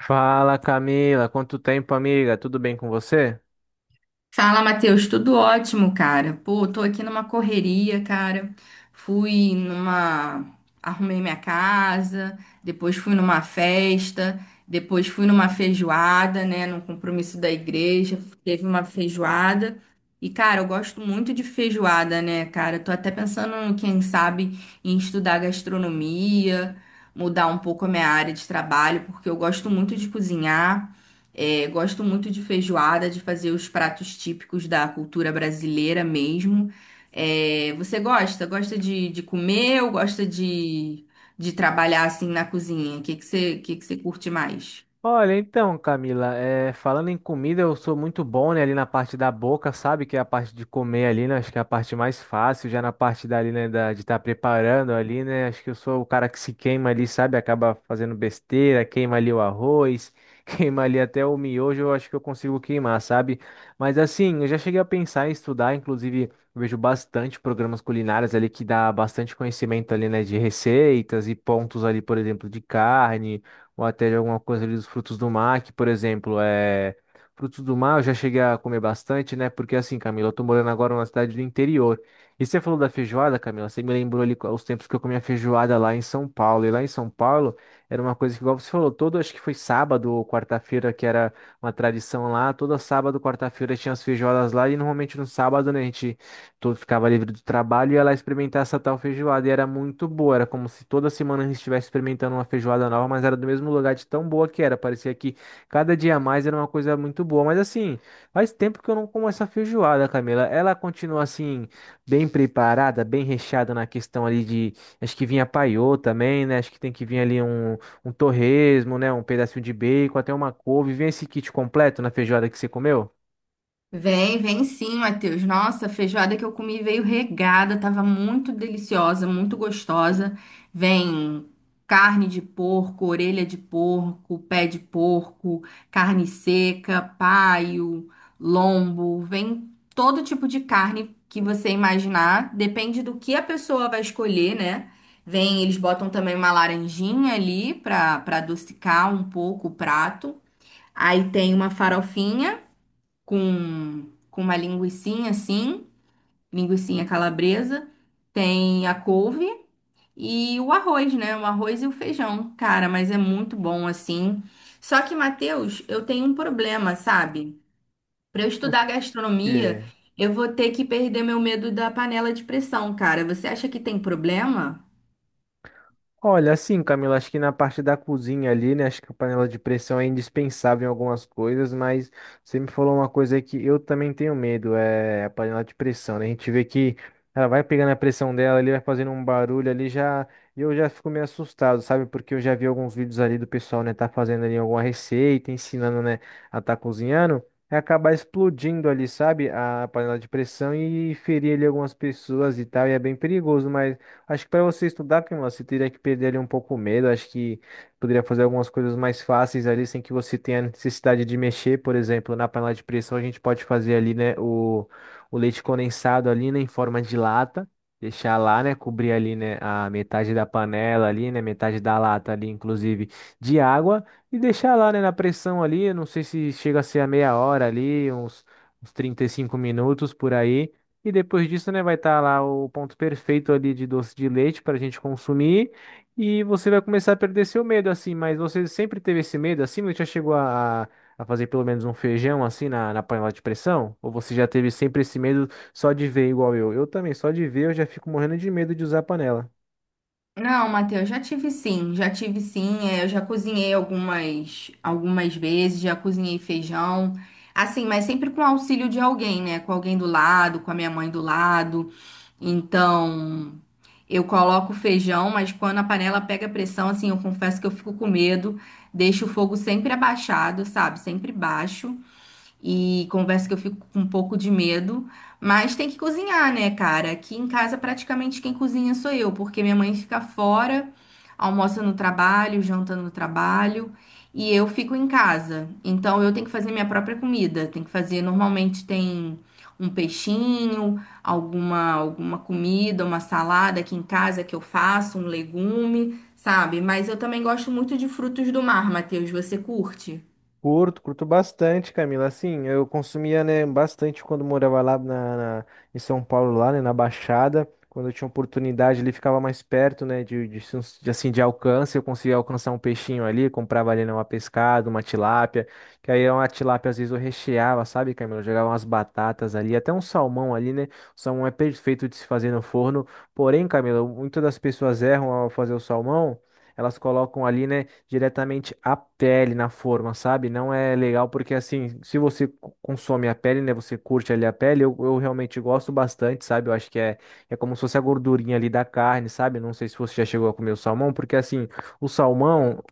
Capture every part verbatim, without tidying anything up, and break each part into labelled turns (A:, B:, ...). A: Fala Camila, quanto tempo, amiga? Tudo bem com você?
B: Fala, Matheus, tudo ótimo, cara. Pô, tô aqui numa correria, cara. Fui numa. Arrumei minha casa, depois fui numa festa, depois fui numa feijoada, né? Num compromisso da igreja, teve uma feijoada. E, cara, eu gosto muito de feijoada, né, cara? Tô até pensando, quem sabe, em estudar gastronomia, mudar um pouco a minha área de trabalho, porque eu gosto muito de cozinhar. É, gosto muito de feijoada, de fazer os pratos típicos da cultura brasileira mesmo. É, você gosta? Gosta de, de comer ou gosta de, de trabalhar assim na cozinha? O que que você, que que você curte mais?
A: Olha, então, Camila, é, falando em comida, eu sou muito bom, né, ali na parte da boca, sabe? Que é a parte de comer ali, né? Acho que é a parte mais fácil, já na parte dali, né, da- de estar preparando ali, né? Acho que eu sou o cara que se queima ali, sabe? Acaba fazendo besteira, queima ali o arroz, queima ali até o miojo, eu acho que eu consigo queimar, sabe? Mas assim, eu já cheguei a pensar em estudar, inclusive, eu vejo bastante programas culinários ali que dá bastante conhecimento ali, né, de receitas e pontos ali, por exemplo, de carne ou até de alguma coisa ali dos frutos do mar, que, por exemplo, é. Frutos do mar eu já cheguei a comer bastante, né? Porque assim, Camila, eu tô morando agora numa cidade do interior. E você falou da feijoada, Camila, você me lembrou ali os tempos que eu comia feijoada lá em São Paulo. E lá em São Paulo era uma coisa que, igual você falou, todo, acho que foi sábado ou quarta-feira, que era uma tradição lá. Todo sábado, quarta-feira tinha as feijoadas lá. E normalmente no sábado, né, a gente todo ficava livre do trabalho e ia lá experimentar essa tal feijoada. E era muito boa, era como se toda semana a gente estivesse experimentando uma feijoada nova, mas era do mesmo lugar de tão boa que era. Parecia que cada dia a mais era uma coisa muito boa. Mas assim, faz tempo que eu não como essa feijoada, Camila. Ela continua assim, bem preparada, bem recheada na questão ali de. Acho que vinha paiô também, né? Acho que tem que vir ali um, um torresmo, né? Um pedacinho de bacon, até uma couve. Vem esse kit completo na feijoada que você comeu?
B: Vem, vem sim, Matheus. Nossa, a feijoada que eu comi veio regada, tava muito deliciosa, muito gostosa. Vem carne de porco, orelha de porco, pé de porco, carne seca, paio, lombo, vem todo tipo de carne que você imaginar, depende do que a pessoa vai escolher, né? Vem, eles botam também uma laranjinha ali para para adocicar um pouco o prato. Aí tem uma farofinha com, com uma linguicinha assim, linguicinha calabresa, tem a couve e o arroz, né? O arroz e o feijão. Cara, mas é muito bom assim. Só que, Matheus, eu tenho um problema, sabe? Para eu
A: Por
B: estudar gastronomia,
A: quê?
B: eu vou ter que perder meu medo da panela de pressão, cara. Você acha que tem problema?
A: Olha, assim, Camila, acho que na parte da cozinha ali, né? Acho que a panela de pressão é indispensável em algumas coisas, mas você me falou uma coisa aí que eu também tenho medo, é a panela de pressão, né? A gente vê que ela vai pegando a pressão dela, ali vai fazendo um barulho ali já, e eu já fico meio assustado, sabe? Porque eu já vi alguns vídeos ali do pessoal, né, tá fazendo ali alguma receita, ensinando, né, a tá cozinhando. E acabar explodindo ali, sabe? A panela de pressão e ferir ali algumas pessoas e tal, e é bem perigoso, mas. Acho que para você estudar, Camila, você teria que perder ali um pouco o medo. Acho que poderia fazer algumas coisas mais fáceis ali, sem que você tenha necessidade de mexer. Por exemplo, na panela de pressão, a gente pode fazer ali, né, o, o leite condensado ali, né, em forma de lata. Deixar lá, né, cobrir ali, né, a metade da panela ali, né, metade da lata ali, inclusive, de água. E deixar lá, né, na pressão ali, eu não sei se chega a ser a meia hora ali, uns, uns trinta e cinco minutos por aí e depois disso, né, vai estar lá o ponto perfeito ali de doce de leite para a gente consumir. E você vai começar a perder seu medo, assim. Mas você sempre teve esse medo, assim? Você já chegou a, a fazer pelo menos um feijão, assim, na, na panela de pressão? Ou você já teve sempre esse medo só de ver igual eu? Eu também, só de ver eu já fico morrendo de medo de usar a panela.
B: Não, Matheus, já tive sim, já tive sim. É, eu já cozinhei algumas, algumas vezes, já cozinhei feijão. Assim, mas sempre com auxílio de alguém, né? Com alguém do lado, com a minha mãe do lado. Então, eu coloco o feijão, mas quando a panela pega pressão, assim, eu confesso que eu fico com medo. Deixo o fogo sempre abaixado, sabe? Sempre baixo. E converso que eu fico com um pouco de medo, mas tem que cozinhar, né, cara? Aqui em casa praticamente quem cozinha sou eu, porque minha mãe fica fora, almoça no trabalho, janta no trabalho, e eu fico em casa. Então eu tenho que fazer minha própria comida, tem que fazer, normalmente tem um peixinho, alguma alguma comida, uma salada aqui em casa que eu faço, um legume, sabe? Mas eu também gosto muito de frutos do mar, Matheus, você curte?
A: Curto, curto bastante, Camila. Assim, eu consumia, né, bastante quando morava lá na, na- em São Paulo, lá, né, na Baixada. Quando eu tinha oportunidade, ele ficava mais perto, né, de, de, sus- de, assim, de alcance. Eu conseguia alcançar um peixinho ali, comprava ali, né, uma pescada, uma tilápia. Que aí uma tilápia, às vezes, eu recheava, sabe, Camila? Eu jogava umas batatas ali, até um salmão ali, né? O salmão é perfeito de se fazer no forno. Porém, Camila, muitas das pessoas erram ao fazer o salmão elas colocam ali, né, diretamente a pele na forma, sabe? Não é legal porque, assim, se você co- consome a pele, né, você curte ali a pele, eu, eu realmente gosto bastante, sabe? Eu acho que é, é como se fosse a gordurinha ali da carne, sabe? Não sei se você já chegou a comer o salmão, porque, assim, o salmão,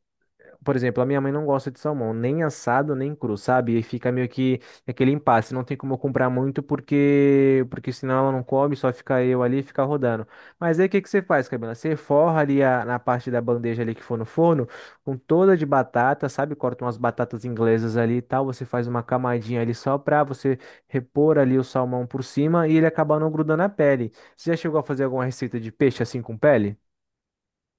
A: por exemplo, a minha mãe não gosta de salmão, nem assado, nem cru, sabe? E fica meio que aquele impasse, não tem como eu comprar muito porque porque senão ela não come, só fica eu ali e fica rodando. Mas aí o que que você faz, Camila? Você forra ali a, na parte da bandeja ali que for no forno, com toda de batata, sabe? Corta umas batatas inglesas ali e tal, você faz uma camadinha ali só pra você repor ali o salmão por cima e ele acabar não grudando a pele. Você já chegou a fazer alguma receita de peixe assim com pele?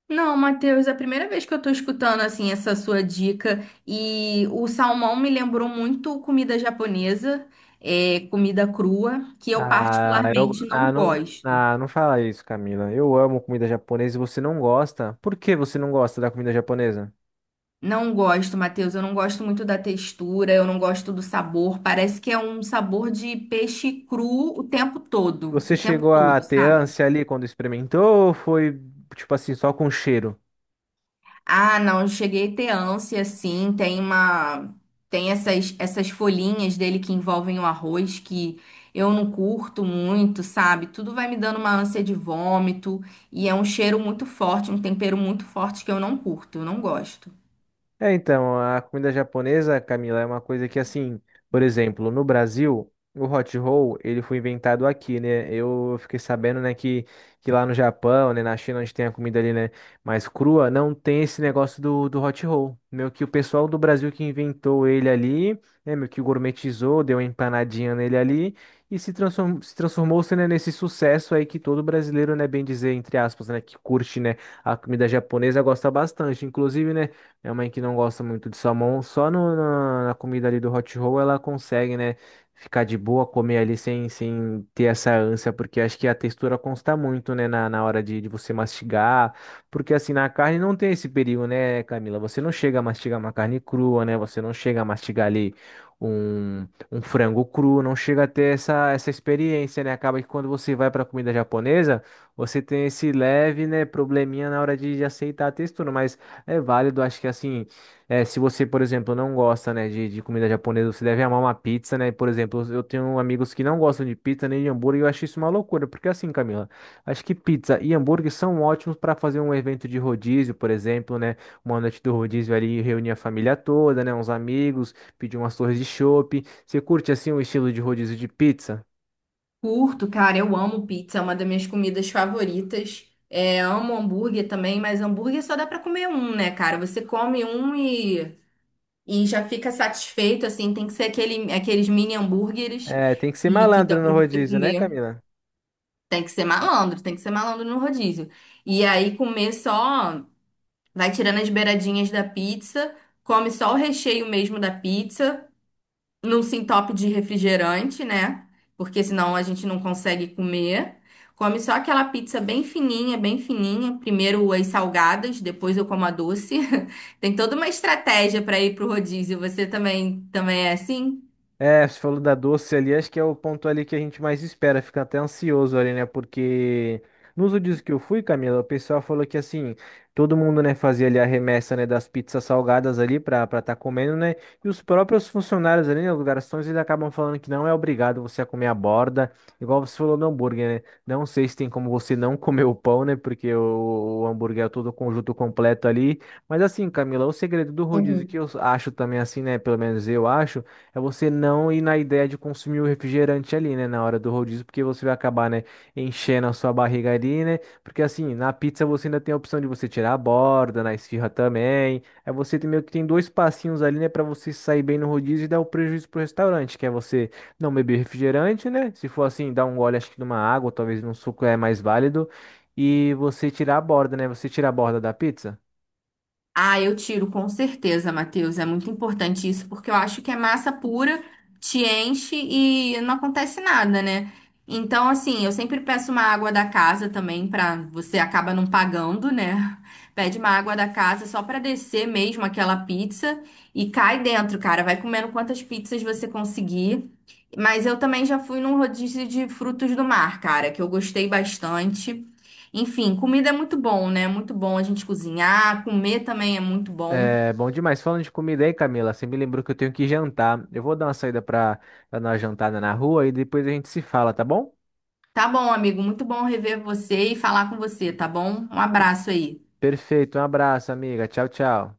B: Não, Matheus, é a primeira vez que eu tô escutando assim essa sua dica e o salmão me lembrou muito comida japonesa, é, comida crua, que eu
A: Ah, eu,
B: particularmente
A: ah,
B: não
A: não,
B: gosto.
A: ah, não fala isso, Camila. Eu amo comida japonesa e você não gosta. Por que você não gosta da comida japonesa?
B: Não gosto, Matheus, eu não gosto muito da textura, eu não gosto do sabor. Parece que é um sabor de peixe cru o tempo todo,
A: Você
B: o tempo
A: chegou a
B: todo,
A: ter
B: sabe?
A: ânsia ali quando experimentou ou foi, tipo assim, só com cheiro?
B: Ah, não, eu cheguei a ter ânsia, sim. Tem uma... Tem essas, essas folhinhas dele que envolvem o arroz que eu não curto muito, sabe? Tudo vai me dando uma ânsia de vômito e é um cheiro muito forte, um tempero muito forte que eu não curto, eu não gosto.
A: É, então, a comida japonesa, Camila, é uma coisa que, assim, por exemplo, no Brasil, o hot roll, ele foi inventado aqui, né? Eu fiquei sabendo, né, que, que lá no Japão, né, na China, onde tem a comida ali, né, mais crua, não tem esse negócio do, do hot roll. Meio que o pessoal do Brasil que inventou ele ali, né, meio que gourmetizou, deu uma empanadinha nele ali e se transformou, se transformou, né, nesse sucesso aí que todo brasileiro, né, bem dizer, entre aspas, né, que curte, né, a comida japonesa gosta bastante. Inclusive, né, minha mãe que não gosta muito de salmão, só no- na, na comida ali do hot roll ela consegue, né, ficar de boa, comer ali sem, sem ter essa ânsia, porque acho que a textura consta muito, né, na, na hora de, de você mastigar, porque assim, na carne não tem esse perigo, né, Camila? Você não chega a mastigar uma carne crua, né, você não chega a mastigar ali um, um frango cru, não chega a ter essa, essa experiência, né? Acaba que quando você vai para comida japonesa, você tem esse leve, né, probleminha na hora de, de aceitar a textura, mas é válido, acho que assim, é, se você, por exemplo, não gosta, né, de, de comida japonesa, você deve amar uma pizza, né? Por exemplo, eu tenho amigos que não gostam de pizza nem de hambúrguer, e eu acho isso uma loucura, porque assim, Camila, acho que pizza e hambúrguer são ótimos para fazer um evento de rodízio, por exemplo, né? Uma noite do rodízio ali, reunir a família toda, né, uns amigos, pedir umas torres de chopp. Você curte assim o estilo de rodízio de pizza?
B: Curto, cara, eu amo pizza, é uma das minhas comidas favoritas. É, amo hambúrguer também, mas hambúrguer só dá pra comer um, né, cara? Você come um e E já fica satisfeito, assim, tem que ser aquele, aqueles mini hambúrgueres
A: É, tem que ser
B: que, que dá
A: malandro no
B: pra você
A: rodízio, né,
B: comer.
A: Camila?
B: Tem que ser malandro, tem que ser malandro no rodízio. E aí comer só, vai tirando as beiradinhas da pizza, come só o recheio mesmo da pizza num sintope de refrigerante, né? Porque senão a gente não consegue comer. Come só aquela pizza bem fininha, bem fininha. Primeiro as salgadas, depois eu como a doce. Tem toda uma estratégia para ir pro rodízio. Você também, também é assim?
A: É, você falou da doce ali, acho que é o ponto ali que a gente mais espera, fica até ansioso ali, né? Porque nos últimos que eu fui, Camila, o pessoal falou que assim, todo mundo, né, fazia ali a remessa, né, das pizzas salgadas ali pra pra tá comendo, né? E os próprios funcionários ali, né, os garçons, eles acabam falando que não é obrigado você a comer a borda, igual você falou do hambúrguer, né? Não sei se tem como você não comer o pão, né? Porque o, o hambúrguer é todo o conjunto completo ali. Mas assim, Camila, o segredo do rodízio que eu acho também assim, né? Pelo menos eu acho é você não ir na ideia de consumir o refrigerante ali, né, na hora do rodízio, porque você vai acabar, né, enchendo a sua barriga ali, né? Porque assim, na pizza você ainda tem a opção de você tirar a borda, na esfirra também. Aí você tem meio que tem dois passinhos ali, né, para você sair bem no rodízio e dar o prejuízo pro restaurante, que é você não beber refrigerante, né? Se for assim, dar um gole acho que numa água, talvez num suco é mais válido. E você tirar a borda, né? Você tira a borda da pizza?
B: Ah, eu tiro, com certeza, Matheus. É muito importante isso, porque eu acho que é massa pura, te enche e não acontece nada, né? Então, assim, eu sempre peço uma água da casa também, pra você acaba não pagando, né? Pede uma água da casa só pra descer mesmo aquela pizza e cai dentro, cara. Vai comendo quantas pizzas você conseguir. Mas eu também já fui num rodízio de frutos do mar, cara, que eu gostei bastante. Enfim, comida é muito bom, né? Muito bom a gente cozinhar, comer também é muito bom.
A: É bom demais. Falando de comida aí, Camila, você me lembrou que eu tenho que jantar. Eu vou dar uma saída para dar uma jantada na rua e depois a gente se fala, tá bom?
B: Tá bom, amigo, muito bom rever você e falar com você, tá bom? Um abraço aí.
A: Perfeito, um abraço, amiga. Tchau, tchau.